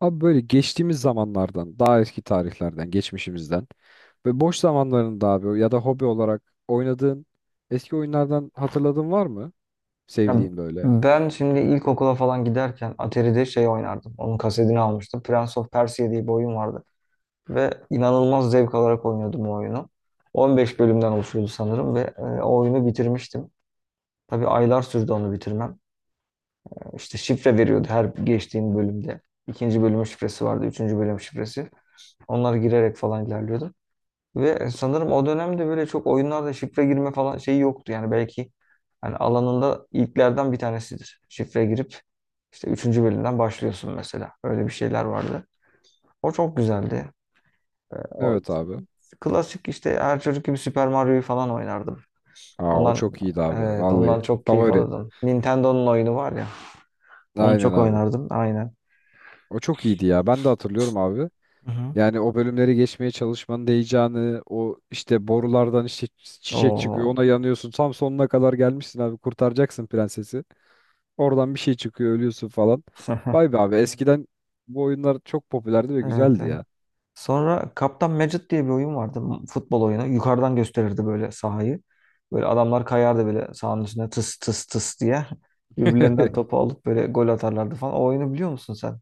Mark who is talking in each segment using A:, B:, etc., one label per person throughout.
A: Abi böyle geçtiğimiz zamanlardan, daha eski tarihlerden, geçmişimizden ve boş zamanlarında abi ya da hobi olarak oynadığın eski oyunlardan hatırladığın var mı?
B: Ya
A: Sevdiğin böyle.
B: ben şimdi ilkokula falan giderken Atari'de şey oynardım. Onun kasetini almıştım. Prince of Persia diye bir oyun vardı. Ve inanılmaz zevk alarak oynuyordum o oyunu. 15 bölümden oluşuyordu sanırım ve o oyunu bitirmiştim. Tabii aylar sürdü onu bitirmem. İşte şifre veriyordu her geçtiğim bölümde. İkinci bölümün şifresi vardı, üçüncü bölüm şifresi. Onları girerek falan ilerliyordum. Ve sanırım o dönemde böyle çok oyunlarda şifre girme falan şeyi yoktu. Yani belki hani alanında ilklerden bir tanesidir. Şifre girip işte üçüncü bölümden başlıyorsun mesela. Öyle bir şeyler vardı. O çok güzeldi. O
A: Evet abi.
B: klasik işte her çocuk gibi Super Mario'yu falan oynardım.
A: Aa o
B: Ondan
A: çok iyiydi abi.
B: evet, ondan
A: Vallahi
B: çok keyif
A: favori.
B: alırdım. Nintendo'nun oyunu var ya. Onu
A: Aynen
B: çok
A: abi.
B: oynardım, aynen.
A: O çok iyiydi ya. Ben de hatırlıyorum abi.
B: Hı hı.
A: Yani o bölümleri geçmeye çalışmanın heyecanı, o işte borulardan işte çiçek çıkıyor,
B: Oo.
A: ona yanıyorsun. Tam sonuna kadar gelmişsin abi. Kurtaracaksın prensesi. Oradan bir şey çıkıyor ölüyorsun falan. Vay be abi. Hmm. Eskiden bu oyunlar çok popülerdi ve
B: Evet,
A: güzeldi
B: evet.
A: ya.
B: Sonra Kaptan Mecid diye bir oyun vardı. Futbol oyunu. Yukarıdan gösterirdi böyle sahayı. Böyle adamlar kayardı böyle sahanın üstüne tıs tıs tıs diye. Birbirlerinden topu alıp böyle gol atarlardı falan. O oyunu biliyor musun sen?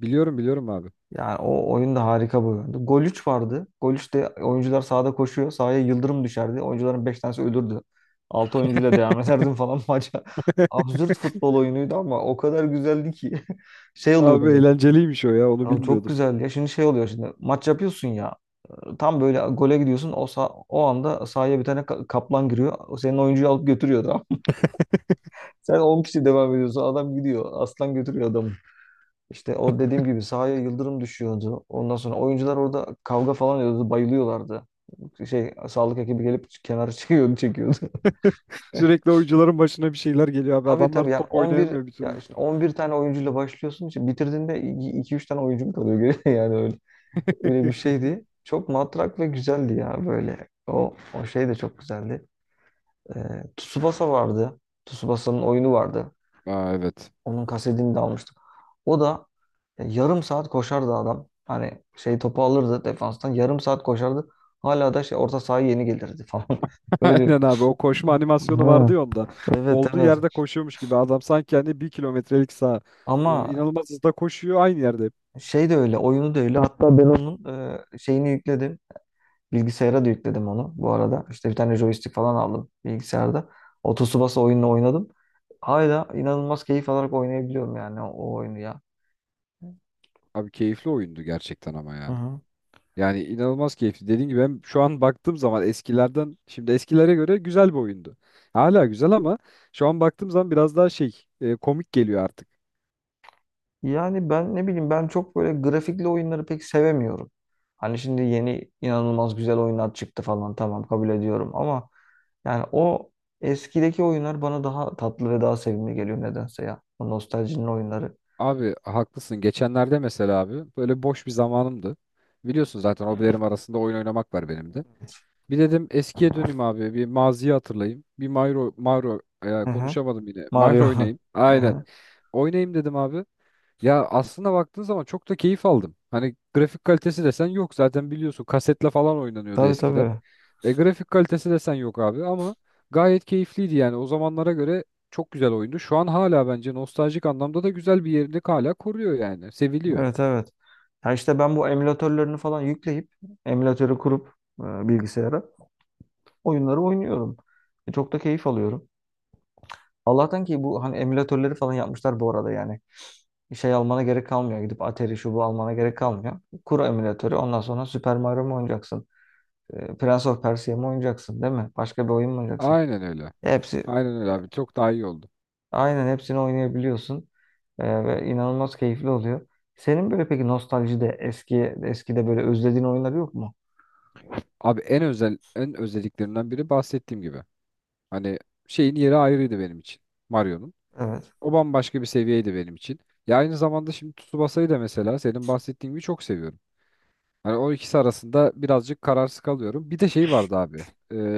A: Biliyorum biliyorum abi.
B: Yani o oyun da harika bir oyundu. Gol 3 vardı. Gol 3'te oyuncular sahada koşuyor. Sahaya yıldırım düşerdi. Oyuncuların 5 tanesi ölürdü. 6 oyuncuyla devam ederdim falan maça. Absürt futbol oyunuydu ama o kadar güzeldi ki. Şey
A: Abi
B: oluyordu.
A: eğlenceliymiş o ya onu
B: Abi çok
A: bilmiyordum.
B: güzel ya. Şimdi şey oluyor şimdi. Maç yapıyorsun ya. Tam böyle gole gidiyorsun. O anda sahaya bir tane kaplan giriyor. O, senin oyuncuyu alıp götürüyor, tamam. Sen 10 kişi devam ediyorsun. Adam gidiyor. Aslan götürüyor adamı. İşte o dediğim gibi sahaya yıldırım düşüyordu. Ondan sonra oyuncular orada kavga falan ediyordu. Bayılıyorlardı. Şey, sağlık ekibi gelip kenara çekiyordu, çekiyordu.
A: Sürekli oyuncuların başına bir şeyler geliyor abi.
B: Tabii,
A: Adamlar
B: tabii, yani
A: top
B: 11,
A: oynayamıyor bir
B: ya
A: türlü.
B: işte 11 tane oyuncuyla başlıyorsun. İşte bitirdiğinde iki üç tane oyuncun kalıyor geriye yani öyle. Öyle bir şeydi. Çok matrak ve güzeldi ya böyle. O şey de çok güzeldi. Ee, Tsubasa vardı. Tsubasa'nın oyunu vardı.
A: Aa evet.
B: Onun kasetini de almıştım. O da yarım saat koşardı adam. Hani şey topu alırdı defanstan. Yarım saat koşardı. Hala da şey orta sahaya yeni gelirdi falan. Öyle.
A: Aynen abi o koşma animasyonu vardı
B: Ha,
A: ya onda.
B: evet,
A: Olduğu yerde
B: evet.
A: koşuyormuş gibi adam sanki hani bir kilometrelik saha. O
B: Ama
A: İnanılmaz hızda koşuyor aynı yerde hep.
B: şey de öyle. Oyunu da öyle. Hatta ben onun şeyini yükledim. Bilgisayara da yükledim onu bu arada. İşte bir tane joystick falan aldım bilgisayarda. O Tsubasa oyununu oynadım. Hala inanılmaz keyif alarak oynayabiliyorum yani o oyunu ya.
A: Abi keyifli oyundu gerçekten ama
B: Hı
A: ya.
B: hı.
A: Yani inanılmaz keyifli. Dediğim gibi ben şu an baktığım zaman eskilerden şimdi eskilere göre güzel bir oyundu. Hala güzel ama şu an baktığım zaman biraz daha şey komik geliyor artık.
B: Yani ben ne bileyim, ben çok böyle grafikli oyunları pek sevemiyorum. Hani şimdi yeni inanılmaz güzel oyunlar çıktı falan, tamam, kabul ediyorum, ama yani o eskideki oyunlar bana daha tatlı ve daha sevimli geliyor nedense ya. O nostaljinin oyunları.
A: Abi haklısın. Geçenlerde mesela abi böyle boş bir zamanımdı. Biliyorsun zaten hobilerim arasında oyun oynamak var benim de. Bir dedim eskiye döneyim abi. Bir maziyi hatırlayayım. Bir Mario, Mario
B: Hı hı.
A: konuşamadım yine.
B: Mario.
A: Mario oynayayım.
B: Hı
A: Aynen.
B: hı.
A: Oynayayım dedim abi. Ya aslına baktığın zaman çok da keyif aldım. Hani grafik kalitesi desen yok zaten biliyorsun kasetle falan oynanıyordu
B: Tabii,
A: eskiden.
B: tabii.
A: E grafik kalitesi desen yok abi ama gayet keyifliydi yani o zamanlara göre çok güzel oyundu. Şu an hala bence nostaljik anlamda da güzel bir yerini hala koruyor yani. Seviliyor.
B: Evet, evet. Ya işte ben bu emülatörlerini falan yükleyip emülatörü kurup bilgisayara oyunları oynuyorum. Çok da keyif alıyorum. Allah'tan ki bu hani emülatörleri falan yapmışlar bu arada yani. Şey almana gerek kalmıyor. Gidip Atari şu bu almana gerek kalmıyor. Kur emülatörü, ondan sonra Super Mario mu oynayacaksın? Prince of Persia mı oynayacaksın, değil mi? Başka bir oyun mu oynayacaksın?
A: Aynen öyle.
B: Hepsi,
A: Aynen öyle abi çok daha iyi oldu.
B: aynen, hepsini oynayabiliyorsun. Ve inanılmaz keyifli oluyor. Senin böyle peki nostaljide eskide böyle özlediğin oyunlar yok mu?
A: Abi en özel en özelliklerinden biri bahsettiğim gibi. Hani şeyin yeri ayrıydı benim için. Mario'nun.
B: Evet.
A: O bambaşka bir seviyeydi benim için. Ya aynı zamanda şimdi Tsubasa'yı da mesela senin bahsettiğin gibi çok seviyorum. Hani o ikisi arasında birazcık kararsız kalıyorum. Bir de şey vardı abi.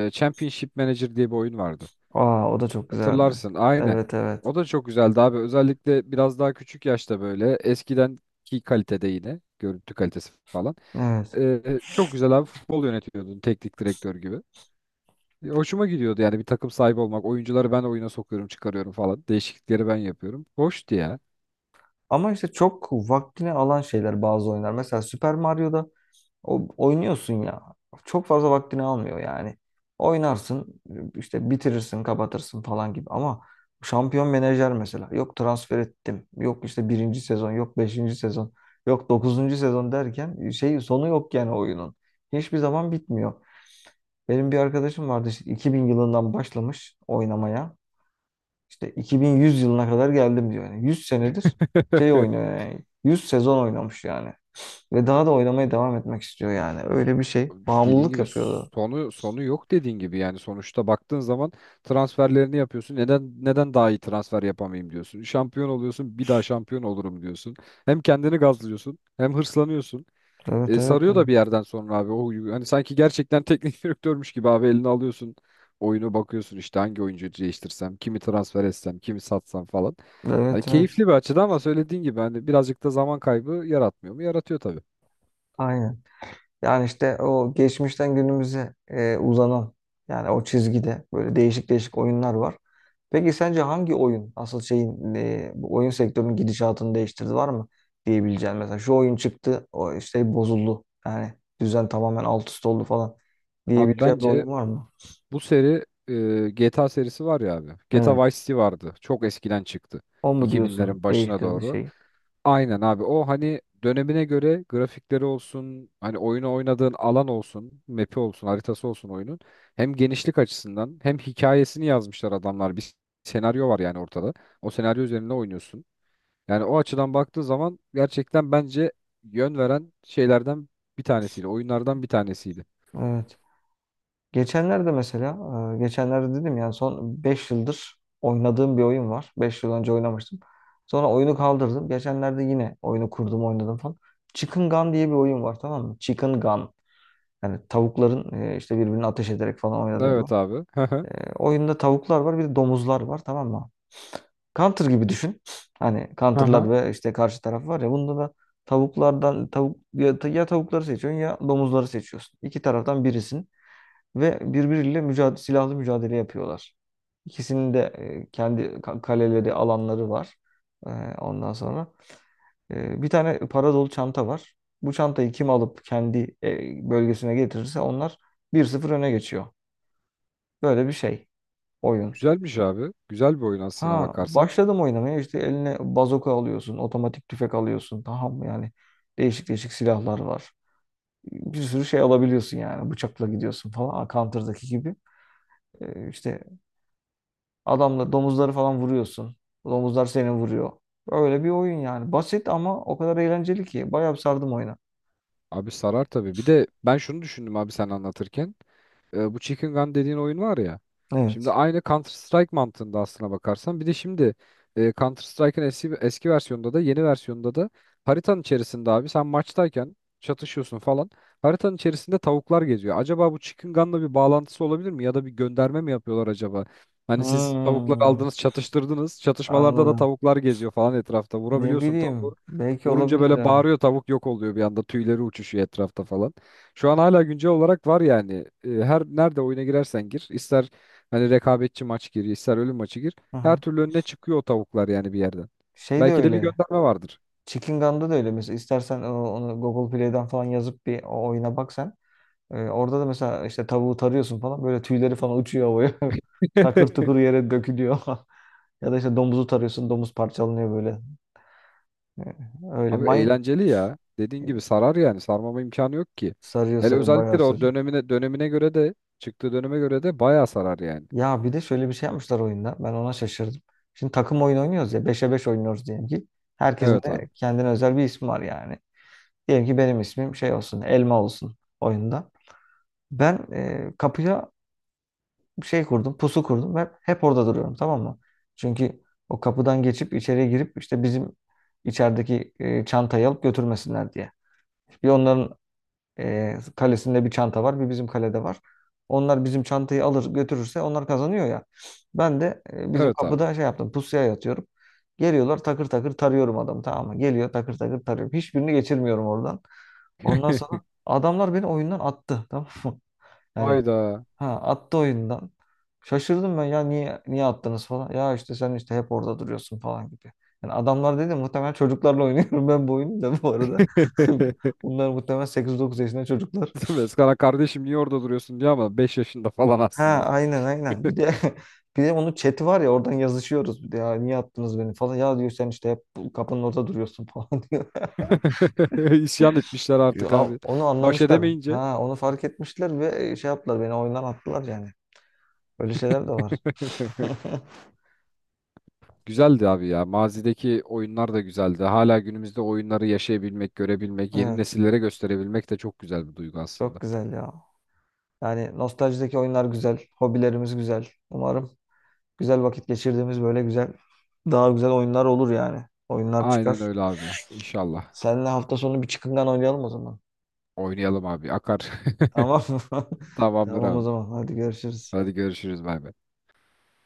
A: Championship Manager diye bir oyun vardı.
B: Aa, o da çok güzeldi.
A: Hatırlarsın aynen.
B: Evet, evet.
A: O da çok güzeldi abi. Özellikle biraz daha küçük yaşta böyle eskidenki kalitede yine görüntü kalitesi falan.
B: Evet.
A: Çok güzel abi futbol yönetiyordun teknik direktör gibi. Hoşuma gidiyordu yani bir takım sahibi olmak. Oyuncuları ben oyuna sokuyorum, çıkarıyorum falan. Değişiklikleri ben yapıyorum. Hoştu ya.
B: Ama işte çok vaktini alan şeyler bazı oyunlar. Mesela Super Mario'da oynuyorsun ya. Çok fazla vaktini almıyor yani. Oynarsın işte, bitirirsin, kapatırsın falan gibi. Ama şampiyon menajer mesela. Yok transfer ettim. Yok işte birinci sezon. Yok beşinci sezon. Yok dokuzuncu sezon derken şey sonu yok yani oyunun. Hiçbir zaman bitmiyor. Benim bir arkadaşım vardı, işte 2000 yılından başlamış oynamaya. İşte 2100 yılına kadar geldim diyor. Yani 100 senedir şey oynuyor yani. 100 sezon oynamış yani. Ve daha da oynamaya devam etmek istiyor yani. Öyle bir şey.
A: Dediğin
B: Bağımlılık
A: gibi
B: yapıyordu.
A: sonu yok dediğin gibi yani sonuçta baktığın zaman transferlerini yapıyorsun. Neden daha iyi transfer yapamayayım diyorsun. Şampiyon oluyorsun, bir daha şampiyon olurum diyorsun. Hem kendini gazlıyorsun, hem hırslanıyorsun.
B: Evet, evet,
A: Sarıyor da
B: yani.
A: bir yerden sonra abi o huyu. Hani sanki gerçekten teknik direktörmüş gibi abi elini alıyorsun. Oyunu bakıyorsun işte hangi oyuncuyu değiştirsem, kimi transfer etsem, kimi satsam falan. Hani
B: Evet, evet.
A: keyifli bir açıdan ama söylediğin gibi hani birazcık da zaman kaybı yaratmıyor mu? Yaratıyor tabii.
B: Aynen. Yani işte o geçmişten günümüze uzanan, yani o çizgide böyle değişik değişik oyunlar var. Peki sence hangi oyun asıl şeyin bu oyun sektörünün gidişatını değiştirdi, var mı diyebileceğin, mesela şu oyun çıktı o işte bozuldu yani düzen tamamen alt üst oldu falan
A: Abi
B: diyebileceğin bir
A: bence
B: oyun var mı?
A: bu seri GTA serisi var ya abi. GTA
B: Evet.
A: Vice City vardı. Çok eskiden çıktı.
B: O mu diyorsun
A: 2000'lerin başına
B: değiştirdi
A: doğru.
B: şeyi?
A: Aynen abi. O hani dönemine göre grafikleri olsun, hani oyunu oynadığın alan olsun, map'i olsun, haritası olsun oyunun. Hem genişlik açısından hem hikayesini yazmışlar adamlar. Bir senaryo var yani ortada. O senaryo üzerine oynuyorsun. Yani o açıdan baktığı zaman gerçekten bence yön veren şeylerden bir tanesiydi. Oyunlardan bir tanesiydi.
B: Evet. Geçenlerde mesela, geçenlerde dedim yani son 5 yıldır oynadığım bir oyun var. 5 yıl önce oynamıştım. Sonra oyunu kaldırdım. Geçenlerde yine oyunu kurdum, oynadım falan. Chicken Gun diye bir oyun var, tamam mı? Chicken Gun. Yani tavukların işte birbirini ateş ederek falan oynadığı bir
A: Evet
B: oyun.
A: abi. Hı hı.
B: Oyunda tavuklar var, bir de domuzlar var, tamam mı? Counter gibi düşün. Hani
A: Hı
B: counter'lar
A: hı.
B: ve işte karşı taraf var ya, bunda da tavuklardan tavuk ya, ya tavukları seçiyorsun ya domuzları seçiyorsun. İki taraftan birisin ve birbiriyle mücadele, silahlı mücadele yapıyorlar. İkisinin de kendi kaleleri, alanları var. E, Ondan sonra bir tane para dolu çanta var. Bu çantayı kim alıp kendi bölgesine getirirse onlar 1-0 öne geçiyor. Böyle bir şey oyun.
A: Güzelmiş abi. Güzel bir oyun aslına
B: Ha,
A: bakarsan.
B: başladım oynamaya, işte eline bazoka alıyorsun, otomatik tüfek alıyorsun. Tamam mı? Yani değişik değişik silahlar var. Bir sürü şey alabiliyorsun, yani bıçakla gidiyorsun falan. Counter'daki gibi. E, işte adamla domuzları falan vuruyorsun. Domuzlar seni vuruyor. Öyle bir oyun yani. Basit ama o kadar eğlenceli ki. Bayağı bir sardım oyuna.
A: Abi sarar tabii. Bir de ben şunu düşündüm abi sen anlatırken. Bu Chicken Gun dediğin oyun var ya. Şimdi
B: Evet.
A: aynı Counter Strike mantığında aslına bakarsan. Bir de şimdi Counter Strike'ın eski, eski versiyonunda da yeni versiyonda da haritanın içerisinde abi sen maçtayken çatışıyorsun falan. Haritanın içerisinde tavuklar geziyor. Acaba bu Chicken Gun'la bir bağlantısı olabilir mi? Ya da bir gönderme mi yapıyorlar acaba? Hani siz tavukları
B: Hmm,
A: aldınız, çatıştırdınız. Çatışmalarda da
B: anladım.
A: tavuklar geziyor falan etrafta.
B: Ne
A: Vurabiliyorsun tavuğu.
B: bileyim. Belki
A: Vurunca
B: olabilir
A: böyle
B: yani.
A: bağırıyor tavuk yok oluyor bir anda. Tüyleri uçuşuyor etrafta falan. Şu an hala güncel olarak var yani. Her nerede oyuna girersen gir, ister hani rekabetçi maç gir, ister ölüm maçı gir.
B: Hı
A: Her
B: hı.
A: türlü önüne çıkıyor o tavuklar yani bir yerden.
B: Şey de
A: Belki de bir
B: öyle.
A: gönderme vardır.
B: Chicken Gun'da da öyle. Mesela istersen onu Google Play'den falan yazıp bir o oyuna bak sen. Orada da mesela işte tavuğu tarıyorsun falan. Böyle tüyleri falan uçuyor havaya. Takır tukur yere dökülüyor. Ya da işte domuzu tarıyorsun. Domuz parçalanıyor böyle. E, Öyle.
A: Abi
B: Mine,
A: eğlenceli ya. Dediğin gibi sarar yani. Sarmama imkanı yok ki.
B: sarıyor,
A: Hele
B: sarıyor,
A: özellikle
B: bayağı
A: de o
B: sarıyor.
A: dönemine göre de çıktığı döneme göre de bayağı sarar yani.
B: Ya bir de şöyle bir şey yapmışlar oyunda. Ben ona şaşırdım. Şimdi takım oyunu oynuyoruz ya. Beşe 5 oynuyoruz diyelim ki. Herkesin
A: Evet abi.
B: de kendine özel bir ismi var yani. Diyelim ki benim ismim şey olsun. Elma olsun oyunda. Ben kapıya bir şey kurdum. Pusu kurdum. Ben hep orada duruyorum, tamam mı? Çünkü o kapıdan geçip içeriye girip işte bizim içerideki çantayı alıp götürmesinler diye. Bir, onların kalesinde bir çanta var, bir bizim kalede var. Onlar bizim çantayı alır götürürse onlar kazanıyor ya. Ben de bizim
A: Evet abi.
B: kapıda şey yaptım, pusuya yatıyorum. Geliyorlar, takır takır tarıyorum adamı, tamam mı? Geliyor, takır takır tarıyorum. Hiçbirini geçirmiyorum oradan. Ondan sonra adamlar beni oyundan attı, tamam mı? Yani
A: Hayda.
B: ha, attı oyundan. Şaşırdım ben ya, niye attınız falan. Ya işte sen işte hep orada duruyorsun falan gibi. Yani adamlar dedi, muhtemelen çocuklarla oynuyorum ben bu oyunu da bu arada. Bunlar muhtemelen 8-9 yaşında çocuklar.
A: Eskana kardeşim niye orada duruyorsun diye ama 5 yaşında falan
B: Ha,
A: aslında.
B: aynen, aynen. Bir de bir de onun chat'i var ya, oradan yazışıyoruz, bir de ya niye attınız beni falan. Ya diyor sen işte hep bu kapının orada duruyorsun falan diyor.
A: İsyan etmişler
B: Ya,
A: artık abi.
B: onu
A: Baş
B: anlamışlar.
A: edemeyince.
B: Ha, onu fark etmişler ve şey yaptılar, beni oyundan attılar yani. Öyle şeyler de var.
A: Güzeldi abi ya. Mazideki oyunlar da güzeldi. Hala günümüzde oyunları yaşayabilmek, görebilmek, yeni
B: Evet.
A: nesillere gösterebilmek de çok güzel bir duygu
B: Çok
A: aslında.
B: güzel ya. Yani nostaljideki oyunlar güzel. Hobilerimiz güzel. Umarım güzel vakit geçirdiğimiz böyle güzel, daha güzel oyunlar olur yani. Oyunlar
A: Aynen
B: çıkar.
A: öyle abi. İnşallah.
B: Seninle hafta sonu bir çıkıngan oynayalım o zaman.
A: Oynayalım abi. Akar.
B: Tamam mı?
A: Tamamdır
B: Tamam o
A: abi.
B: zaman. Hadi görüşürüz.
A: Hadi görüşürüz. Bay bay.